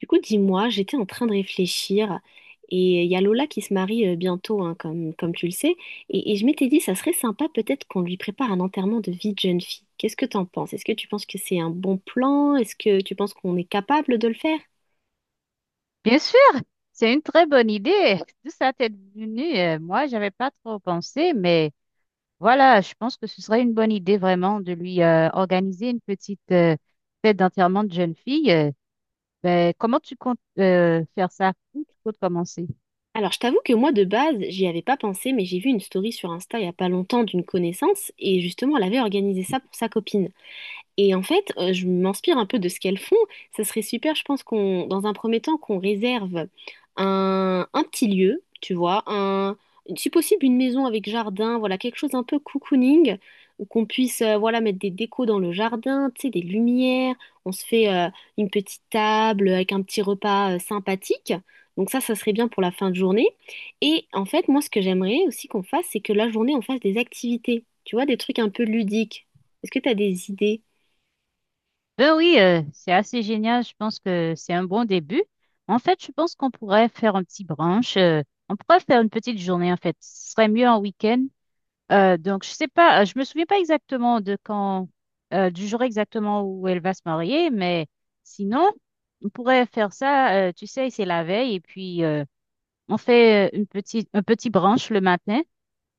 Du coup, dis-moi, j'étais en train de réfléchir et il y a Lola qui se marie bientôt, hein, comme tu le sais, et je m'étais dit, ça serait sympa peut-être qu'on lui prépare un enterrement de vie de jeune fille. Qu'est-ce que t'en penses? Est-ce que tu penses que c'est un bon plan? Est-ce que tu penses qu'on est capable de le faire? Bien sûr, c'est une très bonne idée. Tout ça t'est venu. Moi, j'avais pas trop pensé, mais voilà, je pense que ce serait une bonne idée vraiment de lui organiser une petite fête d'enterrement de jeune fille. Ben, comment tu comptes faire ça? Où tu comptes commencer? Alors, je t'avoue que moi, de base, j'y avais pas pensé, mais j'ai vu une story sur Insta il y a pas longtemps d'une connaissance et justement, elle avait organisé ça pour sa copine. Et en fait, je m'inspire un peu de ce qu'elles font. Ça serait super, je pense qu'on, dans un premier temps, qu'on réserve un petit lieu, tu vois, si possible une maison avec jardin, voilà, quelque chose un peu cocooning, où qu'on puisse, voilà, mettre des décos dans le jardin, tu sais, des lumières. On se fait une petite table avec un petit repas sympathique. Donc ça serait bien pour la fin de journée. Et en fait, moi, ce que j'aimerais aussi qu'on fasse, c'est que la journée, on fasse des activités, tu vois, des trucs un peu ludiques. Est-ce que tu as des idées? Ben oui, c'est assez génial. Je pense que c'est un bon début. En fait, je pense qu'on pourrait faire un petit brunch. On pourrait faire une petite journée, en fait. Ce serait mieux en week-end. Donc, je sais pas, je me souviens pas exactement de quand, du jour exactement où elle va se marier, mais sinon, on pourrait faire ça, tu sais, c'est la veille, et puis on fait un petit brunch le matin.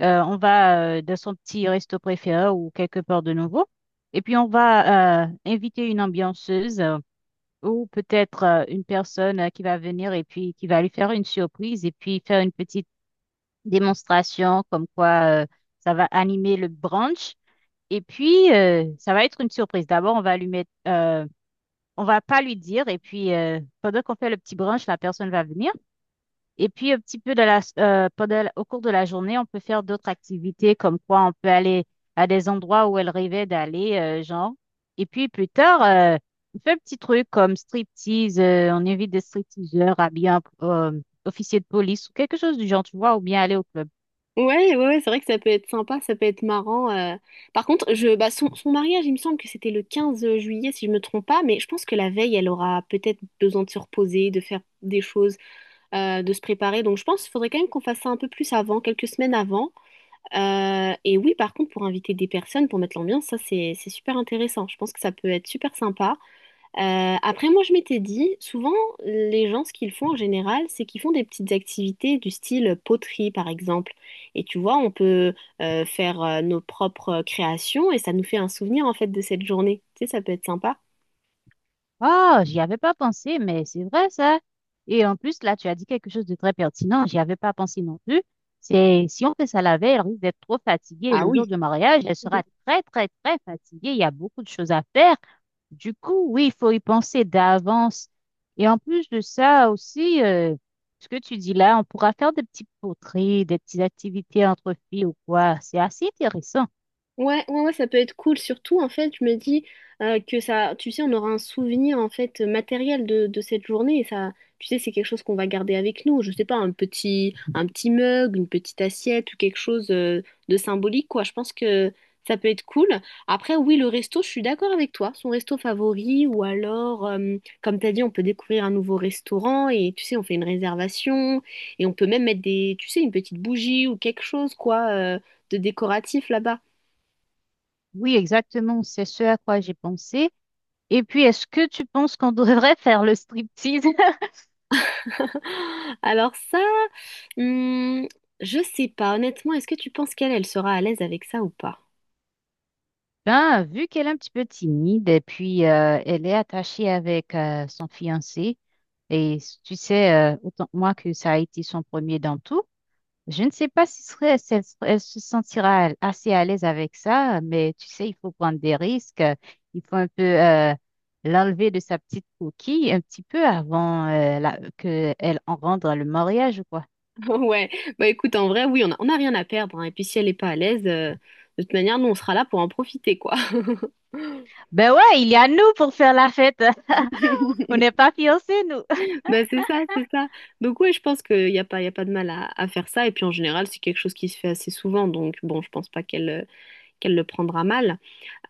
On va dans son petit resto préféré ou quelque part de nouveau, et puis on va inviter une ambianceuse ou peut-être une personne qui va venir et puis qui va lui faire une surprise et puis faire une petite démonstration comme quoi ça va animer le brunch. Et puis, ça va être une surprise. D'abord, on va lui mettre, on va pas lui dire. Et puis, pendant qu'on fait le petit brunch, la personne va venir. Et puis, un petit peu de la, pendant, au cours de la journée, on peut faire d'autres activités, comme quoi on peut aller à des endroits où elle rêvait d'aller, genre. Et puis, plus tard, on fait un petit truc comme striptease. On invite des stripteaseurs à bien, officier de police ou quelque chose du genre, tu vois, ou bien aller au club. Ouais, ouais, ouais, c'est vrai que ça peut être sympa, ça peut être marrant. Par contre, bah, son mariage, il me semble que c'était le 15 juillet, si je me trompe pas, mais je pense que la veille, elle aura peut-être besoin de se reposer, de faire des choses, de se préparer. Donc, je pense qu'il faudrait quand même qu'on fasse ça un peu plus avant, quelques semaines avant. Et oui, par contre, pour inviter des personnes, pour mettre l'ambiance, ça, c'est super intéressant. Je pense que ça peut être super sympa. Après, moi, je m'étais dit, souvent, les gens, ce qu'ils font en général, c'est qu'ils font des petites activités du style poterie, par exemple. Et tu vois, on peut faire nos propres créations et ça nous fait un souvenir, en fait, de cette journée. Tu sais, ça peut être sympa. Oh, j'y avais pas pensé, mais c'est vrai ça. Et en plus, là, tu as dit quelque chose de très pertinent. J'y avais pas pensé non plus. C'est si on fait ça la veille, elle risque d'être trop fatiguée. Et Ah le jour oui. du mariage, elle sera très, très, très fatiguée. Il y a beaucoup de choses à faire. Du coup, oui, il faut y penser d'avance. Et en plus de ça aussi, ce que tu dis là, on pourra faire des petits poteries, des petites activités entre filles ou quoi. C'est assez intéressant. Ouais, ouais, ouais, ça peut être cool. Surtout, en fait, je me dis que ça, tu sais, on aura un souvenir en fait matériel de cette journée et ça, tu sais, c'est quelque chose qu'on va garder avec nous. Je sais pas, un petit mug, une petite assiette ou quelque chose de symbolique, quoi. Je pense que ça peut être cool. Après, oui, le resto, je suis d'accord avec toi. Son resto favori ou alors, comme t'as dit, on peut découvrir un nouveau restaurant et tu sais, on fait une réservation et on peut même mettre des, tu sais, une petite bougie ou quelque chose, quoi, de décoratif là-bas. Oui, exactement. C'est ce à quoi j'ai pensé. Et puis, est-ce que tu penses qu'on devrait faire le striptease? Alors ça, hmm, je sais pas. Honnêtement, est-ce que tu penses qu'elle, elle sera à l'aise avec ça ou pas? Ben, vu qu'elle est un petit peu timide et puis elle est attachée avec son fiancé, et tu sais autant que moi que ça a été son premier dans tout, je ne sais pas si serait, si elle, serait- elle se sentira assez à l'aise avec ça, mais tu sais, il faut prendre des risques, il faut un peu l'enlever de sa petite coquille un petit peu avant que elle en rende le mariage ou quoi. Ouais. Bah écoute, en vrai, oui, on a rien à perdre, hein. Et puis si elle est pas à l'aise, de toute manière, nous, on sera là pour en profiter, quoi. Ben ouais, il y a nous pour faire la fête. On n'est pas fiancés, nous. Bah c'est ça, c'est ça. Donc ouais, je pense qu'il n'y a pas, y a pas de mal à faire ça. Et puis en général, c'est quelque chose qui se fait assez souvent. Donc bon, je pense pas qu'elle le prendra mal.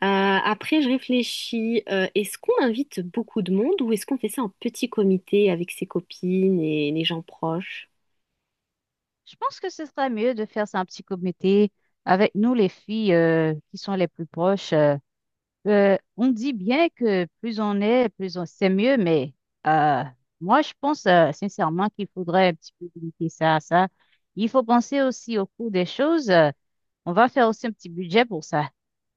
Euh, après, je réfléchis, est-ce qu'on invite beaucoup de monde ou est-ce qu'on fait ça en petit comité avec ses copines et les gens proches? Je pense que ce serait mieux de faire ça un petit comité avec nous, les filles qui sont les plus proches. On dit bien que plus on est, plus on c'est mieux, mais euh, moi, je pense sincèrement qu'il faudrait un petit peu limiter ça à ça. Il faut penser aussi au coût des choses. On va faire aussi un petit budget pour ça.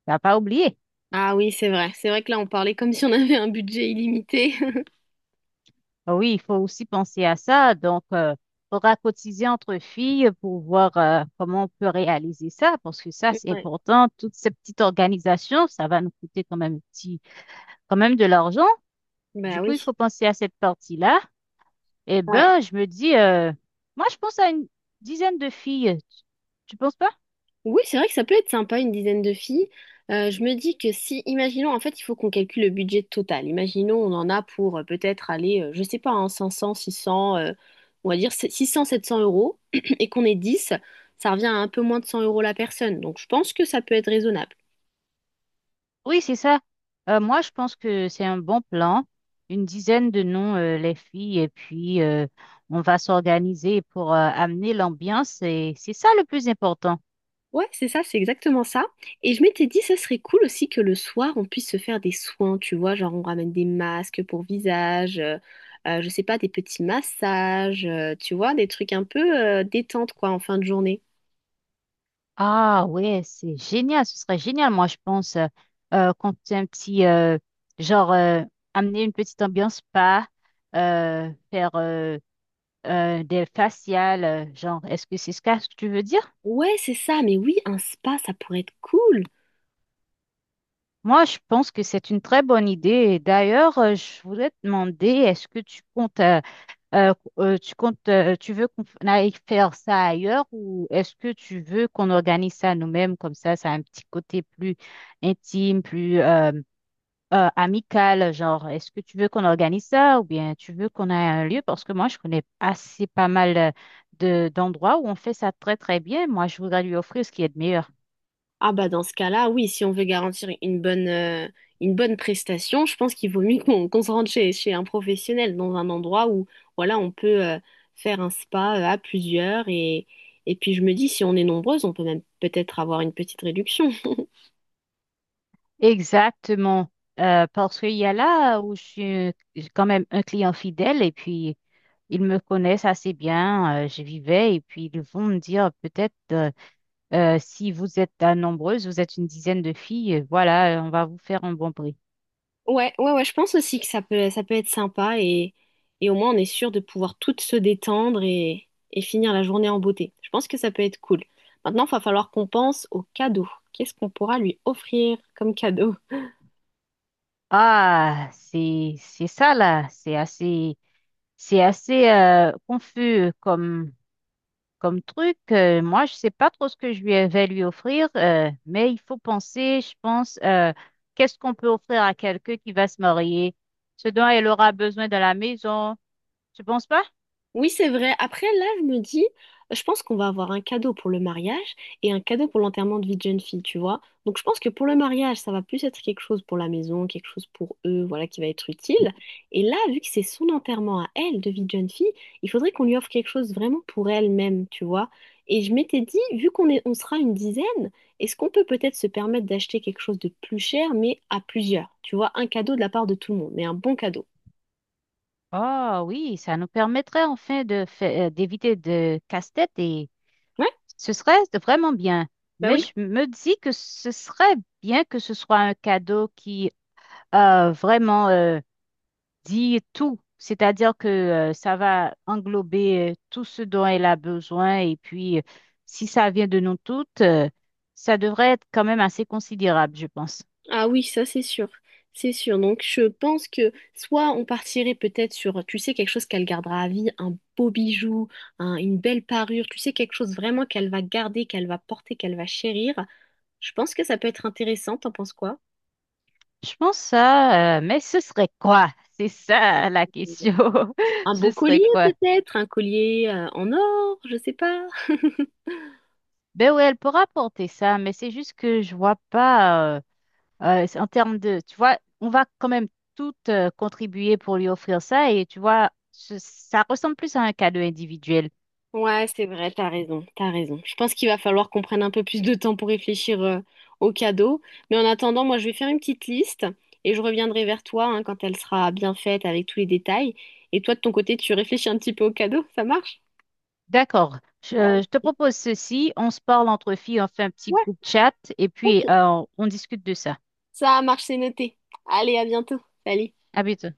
T'as pas oublié? Ah oui, c'est vrai. C'est vrai que là, on parlait comme si on avait un budget illimité. Ah oui, il faut aussi penser à ça. Donc, il faudra cotiser entre filles pour voir comment on peut réaliser ça, parce que ça, c'est Ouais. important. Toute cette petite organisation, ça va nous coûter quand même petit, quand même de l'argent. Du Bah coup, il oui. faut penser à cette partie-là. Eh Ouais. ben, je me dis, moi, je pense à une dizaine de filles. Tu penses pas? Oui, c'est vrai que ça peut être sympa, une dizaine de filles. Je me dis que si, imaginons, en fait, il faut qu'on calcule le budget total. Imaginons, on en a pour peut-être aller, je sais pas, hein, 500, 600, on va dire 600, 700 euros, et qu'on est 10, ça revient à un peu moins de 100 euros la personne. Donc, je pense que ça peut être raisonnable. Oui, c'est ça. Moi, je pense que c'est un bon plan. Une dizaine de noms les filles, et puis on va s'organiser pour amener l'ambiance. Et c'est ça le plus important. Ouais, c'est ça, c'est exactement ça. Et je m'étais dit, ça serait cool aussi que le soir, on puisse se faire des soins, tu vois, genre on ramène des masques pour visage, je sais pas, des petits massages, tu vois, des trucs un peu détente, quoi, en fin de journée. Ah ouais, c'est génial. Ce serait génial, moi, je pense, qu'on fait un petit, genre, amener une petite ambiance spa, faire des faciales, genre, est-ce que c'est ce que tu veux dire? Ouais, c'est ça, mais oui, un spa, ça pourrait être cool. Moi, je pense que c'est une très bonne idée. Et d'ailleurs, je voulais te demander, est-ce que euh, tu veux qu'on aille faire ça ailleurs ou est-ce que tu veux qu'on organise ça nous-mêmes comme ça a un petit côté plus intime, plus amical, genre, est-ce que tu veux qu'on organise ça ou bien tu veux qu'on ait un lieu? Parce que moi, je connais assez pas mal de d'endroits où on fait ça très très bien. Moi, je voudrais lui offrir ce qui est de meilleur. Ah bah dans ce cas-là, oui, si on veut garantir une bonne prestation, je pense qu'il vaut mieux qu'on se rende chez un professionnel, dans un endroit où voilà, on peut faire un spa à plusieurs. Et puis je me dis, si on est nombreuses, on peut même peut-être avoir une petite réduction. Exactement. Parce qu'il y a là où je suis j'ai quand même un client fidèle et puis ils me connaissent assez bien. Je vivais et puis ils vont me dire peut-être si vous êtes nombreuses, vous êtes une dizaine de filles, voilà, on va vous faire un bon prix. Ouais, ouais, ouais, je pense aussi que ça peut être sympa et au moins on est sûr de pouvoir toutes se détendre et finir la journée en beauté. Je pense que ça peut être cool. Maintenant, il va falloir qu'on pense aux cadeaux. Qu'est-ce qu'on pourra lui offrir comme cadeau? Ah, c'est ça là, c'est assez confus comme truc. Moi, je sais pas trop ce que je lui vais lui offrir, mais il faut penser, je pense, qu'est-ce qu'on peut offrir à quelqu'un qui va se marier, ce dont elle aura besoin dans la maison. Tu penses pas? Oui, c'est vrai. Après, là, je me dis, je pense qu'on va avoir un cadeau pour le mariage et un cadeau pour l'enterrement de vie de jeune fille, tu vois. Donc, je pense que pour le mariage, ça va plus être quelque chose pour la maison, quelque chose pour eux, voilà, qui va être utile. Et là, vu que c'est son enterrement à elle de vie de jeune fille, il faudrait qu'on lui offre quelque chose vraiment pour elle-même, tu vois. Et je m'étais dit, vu qu'on est, on sera une dizaine, est-ce qu'on peut peut-être se permettre d'acheter quelque chose de plus cher, mais à plusieurs, tu vois, un cadeau de la part de tout le monde, mais un bon cadeau. Oh oui, ça nous permettrait enfin d'éviter de casse-tête et Ouais. ce serait vraiment bien. Bah Mais oui. je me dis que ce serait bien que ce soit un cadeau qui vraiment dit tout. C'est-à-dire que ça va englober tout ce dont elle a besoin. Et puis, si ça vient de nous toutes, ça devrait être quand même assez considérable, je pense. Ah oui, ça c'est sûr, c'est sûr. Donc je pense que soit on partirait peut-être sur, tu sais, quelque chose qu'elle gardera à vie, un beau bijou, une belle parure, tu sais, quelque chose vraiment qu'elle va garder, qu'elle va porter, qu'elle va chérir. Je pense que ça peut être intéressant, t'en penses quoi? Je pense ça, mais ce serait quoi? C'est ça la question. Un Ce beau serait collier quoi? peut-être, un collier en or, je sais pas. Ben oui, elle pourra porter ça, mais c'est juste que je vois pas, c'est en termes de, tu vois, on va quand même toutes contribuer pour lui offrir ça. Et tu vois, ça ressemble plus à un cadeau individuel. Ouais, c'est vrai, t'as raison, t'as raison. Je pense qu'il va falloir qu'on prenne un peu plus de temps pour réfléchir aux cadeaux. Mais en attendant, moi, je vais faire une petite liste et je reviendrai vers toi, hein, quand elle sera bien faite avec tous les détails. Et toi, de ton côté, tu réfléchis un petit peu aux cadeaux, ça marche? D'accord. Je, Euh, euh, je te propose ceci. On se parle entre filles, on fait un petit ouais, groupe chat et ok. puis on discute de ça. Ça marche, c'est noté. Allez, à bientôt. Salut. À bientôt.